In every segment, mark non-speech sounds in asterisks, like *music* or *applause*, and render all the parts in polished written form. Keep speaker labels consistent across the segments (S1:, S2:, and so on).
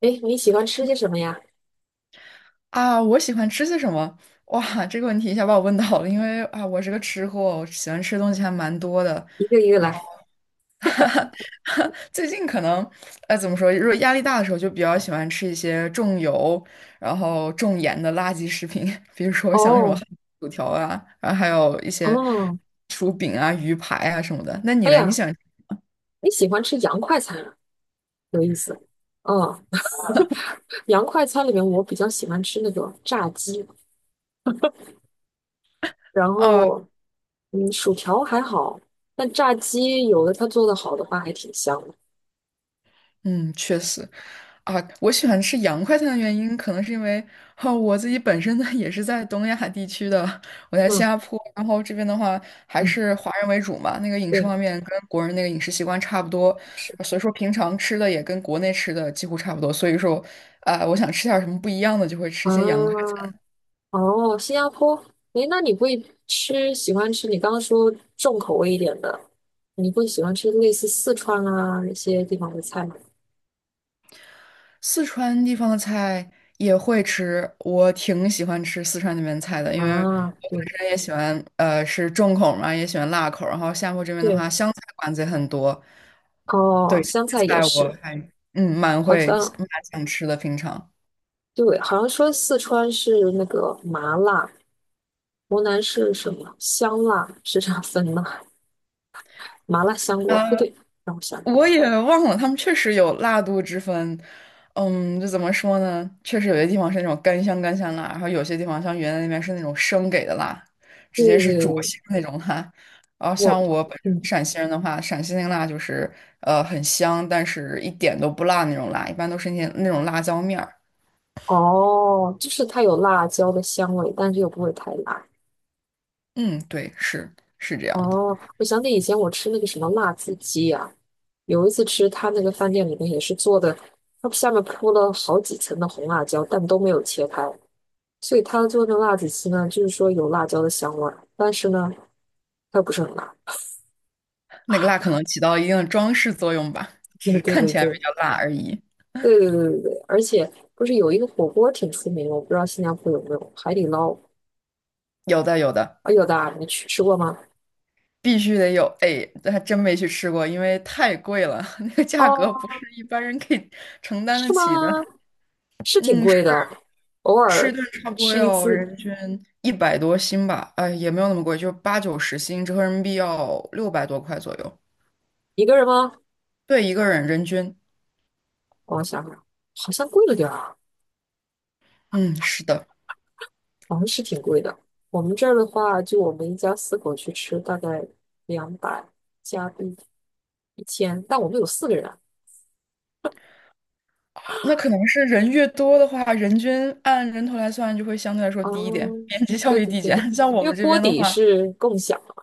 S1: 诶，你喜欢吃些什么呀？
S2: 啊，我喜欢吃些什么？哇，这个问题一下把我问到了，因为啊，我是个吃货，我喜欢吃的东西还蛮多的。
S1: 一个一个
S2: 然
S1: 来。
S2: 后 *laughs* 最近可能，怎么说？如果压力大的时候，就比较喜欢吃一些重油、然后重盐的垃圾食品，*laughs* 比如说像什么
S1: 哦，
S2: 汉堡薯条啊，然后还有一些
S1: 哦，
S2: 薯饼啊、鱼排啊什么的。那你
S1: 哎
S2: 嘞？你
S1: 呀，
S2: 喜欢？
S1: 你喜欢吃洋快餐啊，有意思。哦，洋快餐里面我比较喜欢吃那个炸鸡，然
S2: 哦，
S1: 后薯条还好，但炸鸡有的它做的好的话还挺香的。
S2: 嗯，确实。啊，我喜欢吃洋快餐的原因，可能是因为哦，我自己本身呢也是在东亚地区的，我在新
S1: 嗯
S2: 加坡，然后这边的话还
S1: 嗯，
S2: 是华人为主嘛，那个饮食
S1: 对，
S2: 方面跟国人那个饮食习惯差不多，
S1: 是
S2: 所以说平常吃的也跟国内吃的几乎差不多，所以说，啊，我想吃点儿什么不一样的，就会吃一些洋快
S1: 啊，
S2: 餐。
S1: 哦，新加坡。诶，那你会吃喜欢吃你刚刚说重口味一点的，你会喜欢吃类似四川啊那些地方的菜吗？
S2: 四川地方的菜也会吃，我挺喜欢吃四川那边菜的，因为我
S1: 啊，对，
S2: 本身也喜欢，是重口嘛，也喜欢辣口。然后厦门这边的
S1: 对，
S2: 话，湘菜馆子也很多，
S1: 哦，
S2: 对，这
S1: 香
S2: 些
S1: 菜也
S2: 菜我
S1: 是，
S2: 还蛮
S1: 好
S2: 会
S1: 像
S2: 蛮想吃的，平常。
S1: 对。好像说四川是那个麻辣，湖南是什么香辣，是这样分的。麻辣香锅不
S2: 呃
S1: 对，让我想想。
S2: 我也忘了，他们确实有辣度之分。嗯，就怎么说呢？确实有些地方是那种干香干香辣，然后有些地方像云南那边是那种生给的辣，
S1: 对
S2: 直接是
S1: 对
S2: 灼
S1: 对，
S2: 心的那种辣。然后
S1: 我
S2: 像我本身
S1: 嗯，
S2: 陕西人的话，陕西那个辣就是很香，但是一点都不辣那种辣，一般都是那种辣椒面儿。
S1: 哦，就是它有辣椒的香味，但是又不会太辣。
S2: 嗯，对，是，是这样的，
S1: 哦，我想起以前我吃那个什么辣子鸡啊，有一次吃他那个饭店里面也是做的，它下面铺了好几层的红辣椒，但都没有切开，所以它做的辣子鸡呢，就是说有辣椒的香味儿，但是呢，它又不是很辣。
S2: 那个辣可
S1: *laughs*
S2: 能起到一定的装饰作用吧，只
S1: 对
S2: 是
S1: 对
S2: 看
S1: 对
S2: 起来比
S1: 对
S2: 较辣而已。
S1: 对对对对对，而且不是有一个火锅挺出名的，我不知道新加坡有没有海底捞。
S2: 有的，有的。
S1: 啊？有的啊，你去吃过吗？
S2: 必须得有，哎，这还真没去吃过，因为太贵了，*laughs* 那个价格不
S1: 哦，
S2: 是一般人可以承担得
S1: 是吗？
S2: 起的。
S1: 是挺
S2: 嗯，吃
S1: 贵的，偶
S2: 吃
S1: 尔
S2: 顿差不多
S1: 吃一
S2: 要人
S1: 次，
S2: 均一百多新吧，哎，也没有那么贵，就八九十新，折合人民币要六百多块左右。
S1: 一个人吗？
S2: 对，一个人人均，
S1: 我想想，好像贵了点儿啊，
S2: 嗯，是的，
S1: 好像是挺贵的。我们这儿的话，就我们一家四口去吃，大概200加币1000，但我们有四个人。
S2: 啊，那可能是人越多的话，人均按人头来算就会相对来说
S1: 哦，
S2: 低一点，边际效
S1: 对
S2: 益
S1: 对
S2: 递
S1: 对，
S2: 减。*laughs* 像我
S1: 因为
S2: 们这
S1: 锅
S2: 边的
S1: 底
S2: 话，
S1: 是共享嘛，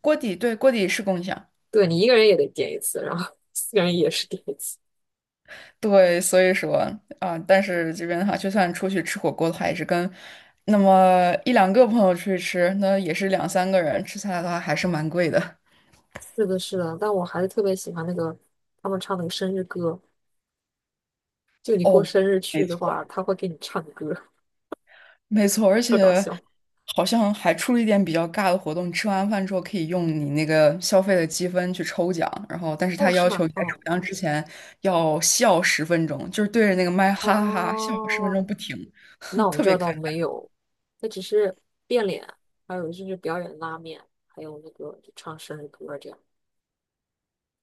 S2: 锅底，对，锅底是共享。
S1: 对你一个人也得点一次，然后 *laughs* 4个人也是点一次。
S2: 对，所以说啊，但是这边的话，就算出去吃火锅的话，也是跟那么一两个朋友出去吃，那也是两三个人吃下来的话，还是蛮贵的。
S1: 是的，是的，但我还是特别喜欢那个他们唱那个生日歌，就你过
S2: 哦，
S1: 生日
S2: 没
S1: 去的
S2: 错，
S1: 话，他会给你唱歌，
S2: 没错，而
S1: 特搞
S2: 且
S1: 笑。
S2: 好像还出了一点比较尬的活动，吃完饭之后可以用你那个消费的积分去抽奖，然后但是
S1: 哦，
S2: 他
S1: 是
S2: 要
S1: 吗？
S2: 求你在
S1: 哦
S2: 抽奖之前要笑十分钟，就是对着那个麦哈哈哈笑十分
S1: 哦，
S2: 钟不停，
S1: 那
S2: *laughs*
S1: 我们
S2: 特
S1: 这
S2: 别
S1: 儿
S2: 尴
S1: 倒
S2: 尬。
S1: 没有，那只是变脸，还有就是表演拉面，还有那个就唱生日歌这样。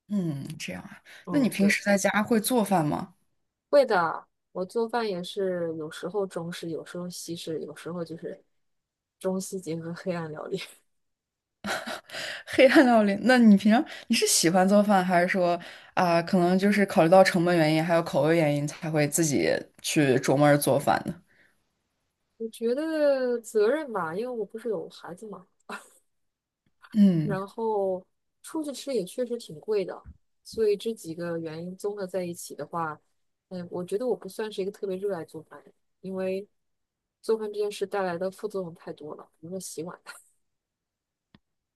S2: 嗯，这样啊，那你
S1: 嗯，
S2: 平
S1: 对。
S2: 时在家会做饭吗？
S1: 会的，我做饭也是有时候中式，有时候西式，有时候就是中西结合黑暗料理。*laughs*
S2: *laughs* 黑暗料理，那你平常你是喜欢做饭，还是说啊、可能就是考虑到成本原因，还有口味原因，才会自己去琢磨着做饭呢？
S1: 我觉得责任吧，因为我不是有孩子嘛，
S2: 嗯
S1: 然后出去吃也确实挺贵的，所以这几个原因综合在一起的话，我觉得我不算是一个特别热爱做饭的人，因为做饭这件事带来的副作用太多了，比如说洗碗。*laughs*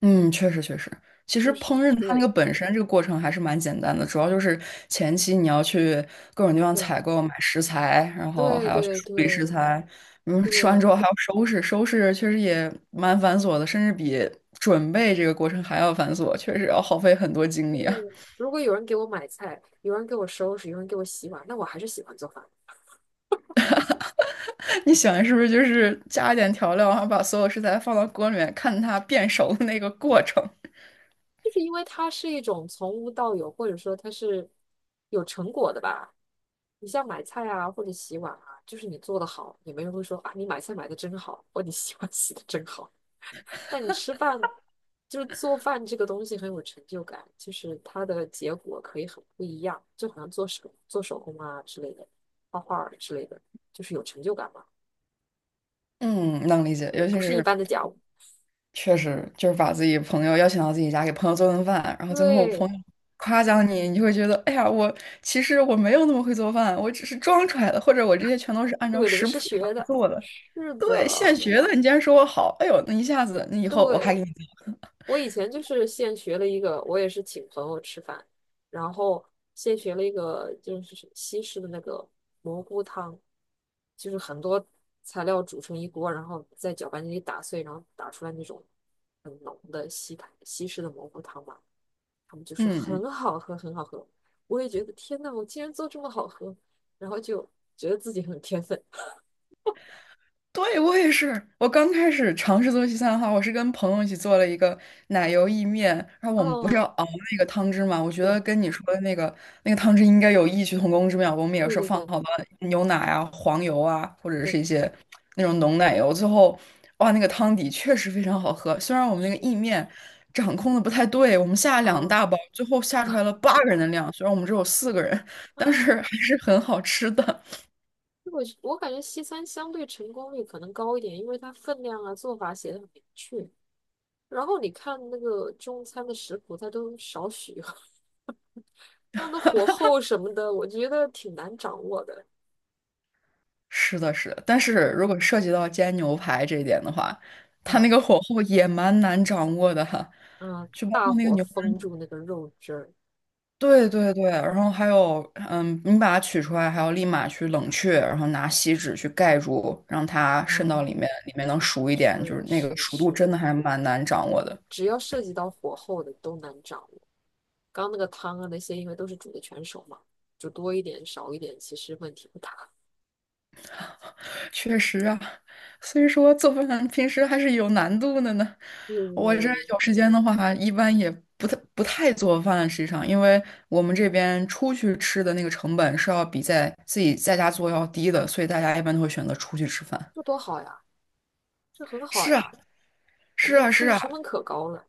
S2: 嗯，确实确实，其
S1: 就
S2: 实
S1: 是
S2: 烹饪它那个
S1: 对
S2: 本身这个过程还是蛮简单的，主要就是前期你要去各种地方采
S1: 对
S2: 购买食材，然后还
S1: 对
S2: 要去
S1: 对
S2: 处理食材，嗯，
S1: 对
S2: 吃完
S1: 对。
S2: 之后还要收拾，收拾确实也蛮繁琐的，甚至比准备这个过程还要繁琐，确实要耗费很多精
S1: 嗯，
S2: 力啊。
S1: 如果有人给我买菜，有人给我收拾，有人给我洗碗，那我还是喜欢做饭，
S2: 你喜欢是不是就是加一点调料，然后把所有食材放到锅里面，看它变熟的那个过程？
S1: 就是因为它是一种从无到有，或者说它是有成果的吧。你像买菜啊，或者洗碗啊，就是你做的好，也没人会说啊，你买菜买的真好，或你洗碗洗的真好。那你吃饭，就是做饭这个东西很有成就感，就是它的结果可以很不一样，就好像做手工啊之类的，画画儿之类的，就是有成就感嘛。
S2: 嗯，能理解，
S1: 对，
S2: 尤其
S1: 不是一
S2: 是
S1: 般的家务。
S2: 确实就是把自己朋友邀请到自己家，给朋友做顿饭，然后最后朋
S1: 对
S2: 友夸奖你，你就会觉得，哎呀，我其实我没有那么会做饭，我只是装出来的，或者我这些全都是按照
S1: 对，临
S2: 食谱
S1: 时学
S2: 上
S1: 的，
S2: 做的，
S1: 是
S2: 对，现
S1: 的。
S2: 学的。你竟然说我好，哎呦，那一下子，那以后我还给
S1: 对，
S2: 你做，
S1: 我以前就是现学了一个，我也是请朋友吃饭，然后现学了一个就是西式的那个蘑菇汤，就是很多材料煮成一锅，然后在搅拌机里打碎，然后打出来那种很浓的西塔西式的蘑菇汤嘛，他们就说
S2: 嗯。嗯
S1: 很好喝，很好喝。我也觉得天呐，我竟然做这么好喝，然后就觉得自己很天分。
S2: 对，我也是。我刚开始尝试做西餐的话，我是跟朋友一起做了一个奶油意面，然后我们不是
S1: 哦，
S2: 要熬那个汤汁嘛？我觉得
S1: 对
S2: 跟你说的那个那个汤汁应该有异曲同工之妙。我们也
S1: 对
S2: 是
S1: 对
S2: 放
S1: 对。
S2: 好了牛奶啊、黄油啊，或者是一
S1: 对
S2: 些那种浓奶油，最后哇，那个汤底确实非常好喝。虽然我们那个意面掌控的不太对，我们下了两
S1: 啊，
S2: 大包，最后下出来了八
S1: 啊！
S2: 个人的量，虽然我们只有4个人，但是
S1: *laughs*
S2: 还是很好吃的。
S1: 我感觉西餐相对成功率可能高一点，因为它分量啊、做法写的很明确。然后你看那个中餐的食谱，它都少许，*laughs* 它的火候什么的，我觉得挺难掌握的。
S2: 是的，是的，但是如果涉及到煎牛排这一点的话，它那
S1: 嗯
S2: 个火候也蛮难掌握的哈，
S1: 嗯，
S2: 就包
S1: 大
S2: 括那个
S1: 火
S2: 牛排，
S1: 封住那个肉汁儿。
S2: 对对对，然后还有，你把它取出来，还要立马去冷却，然后拿锡纸去盖住，让它渗到
S1: 嗯，
S2: 里面，里面能熟一点，就是
S1: 是
S2: 那个
S1: 是
S2: 熟度
S1: 是，
S2: 真的还蛮难掌握的。
S1: 只要涉及到火候的都难掌握。刚刚那个汤啊那些，因为都是煮的全熟嘛，煮多一点少一点，其实问题不大。
S2: 确实啊，所以说做饭平时还是有难度的呢。我这
S1: 嗯，
S2: 有时间的话，一般也不太做饭，实际上，因为我们这边出去吃的那个成本是要比在自己在家做要低的，所以大家一般都会选择出去吃饭。
S1: 这多好呀！这很好
S2: 是啊，
S1: 呀，我
S2: 是
S1: 们这
S2: 啊，
S1: 出
S2: 是
S1: 去
S2: 啊，
S1: 成本可高了。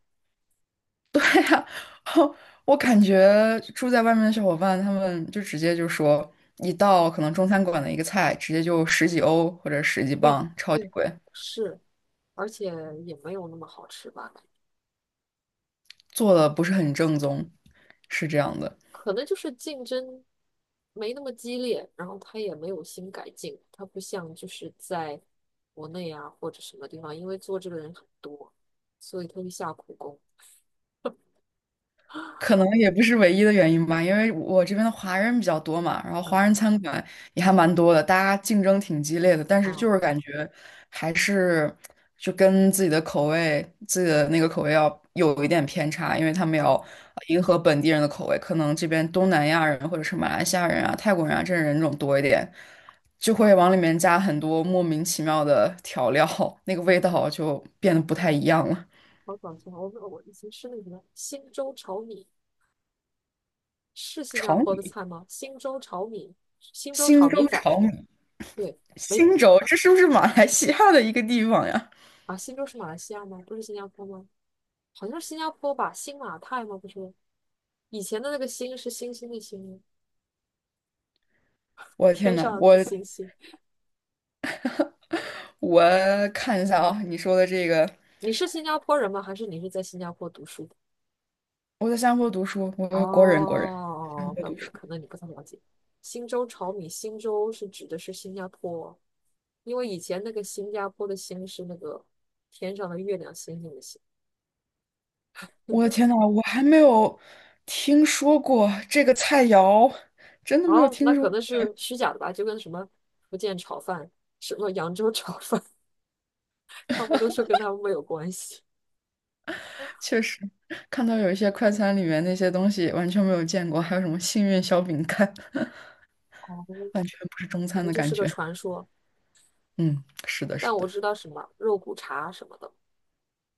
S2: *laughs* 我感觉住在外面的小伙伴，他们就直接就说一道可能中餐馆的一个菜，直接就十几欧或者十几
S1: 对
S2: 磅，超级
S1: 对，
S2: 贵，
S1: 是，而且也没有那么好吃吧？
S2: 做的不是很正宗，是这样的。
S1: 可能就是竞争没那么激烈，然后他也没有新改进，他不像就是在国内啊或者什么地方，因为做这个人很多，所以他会下苦功。啊
S2: 可能也不是唯一的原因吧，因为我这边的华人比较多嘛，然后华人餐馆也还蛮多的，大家竞争挺激烈的，但是
S1: 啊
S2: 就是感觉还是就跟自己的口味、自己的那个口味要有一点偏差，因为他们
S1: 啊！
S2: 要迎合本地人的口味，可能这边东南亚人或者是马来西亚人啊、泰国人啊这人种多一点，就会往里面加很多莫名其妙的调料，那个味道就变得不太一样了。
S1: 好搞笑！我以前吃那个什么新州炒米，是
S2: *laughs*
S1: 新加
S2: 炒
S1: 坡的
S2: 米，
S1: 菜吗？新州炒米，新州
S2: 新
S1: 炒
S2: 州
S1: 米粉，
S2: 炒米。
S1: 对，没。
S2: 新州，这是不是马来西亚的一个地方呀？
S1: 啊，新州是马来西亚吗？不是新加坡吗？好像是新加坡吧，新马泰吗？不是，以前的那个新是星星的星吗，
S2: 我的天
S1: 天
S2: 呐，
S1: 上
S2: 我
S1: 的星星。
S2: 我看一下啊，你说的这个，
S1: 你是新加坡人吗？还是你是在新加坡读书的？
S2: 我在新加坡读书，我是国人，国人，新加
S1: 哦，
S2: 坡
S1: 怪
S2: 读
S1: 不得，
S2: 书。
S1: 可能你不太了解。新州炒米，新州是指的是新加坡，因为以前那个新加坡的星是那个天上的月亮星星的星。
S2: 我的天呐，我还没有听说过这个菜肴，真的没有
S1: 哦，那
S2: 听说
S1: 可
S2: 过。
S1: 能是虚假的吧，就跟什么福建炒饭、什么扬州炒饭，*laughs* 他们都说跟他们没有关系。
S2: 确实，看到有一些快餐里面那些东西完全没有见过，还有什么幸运小饼干，*laughs*
S1: 哦，
S2: 完全不是中
S1: 可
S2: 餐
S1: 能
S2: 的
S1: 就
S2: 感
S1: 是个
S2: 觉。
S1: 传说，
S2: 嗯，是的，
S1: 但
S2: 是
S1: 我
S2: 的，
S1: 知道什么肉骨茶什么的。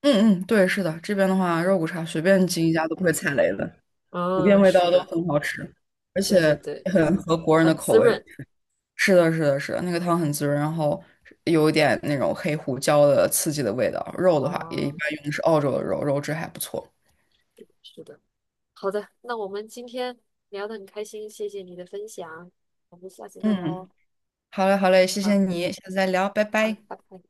S2: 嗯嗯，对，是的，这边的话，肉骨茶随便进一家都不会踩雷的。普遍
S1: 嗯，
S2: 味
S1: 是
S2: 道都
S1: 的，
S2: 很好吃，而且
S1: 对对对，
S2: 也很合国人的
S1: 很
S2: 口
S1: 滋
S2: 味。
S1: 润。
S2: 是的，是的，是的，那个汤很滋润，然后有一点那种黑胡椒的刺激的味道。肉的话，也一
S1: 啊，
S2: 般用的是澳洲的肉，肉质还不错。
S1: 是的。好的，那我们今天聊得很开心，谢谢你的分享，我们下次再聊哦。
S2: 嗯，好嘞，好嘞，谢谢
S1: 好，
S2: 你，下次再聊，拜
S1: 好，
S2: 拜。
S1: 拜拜。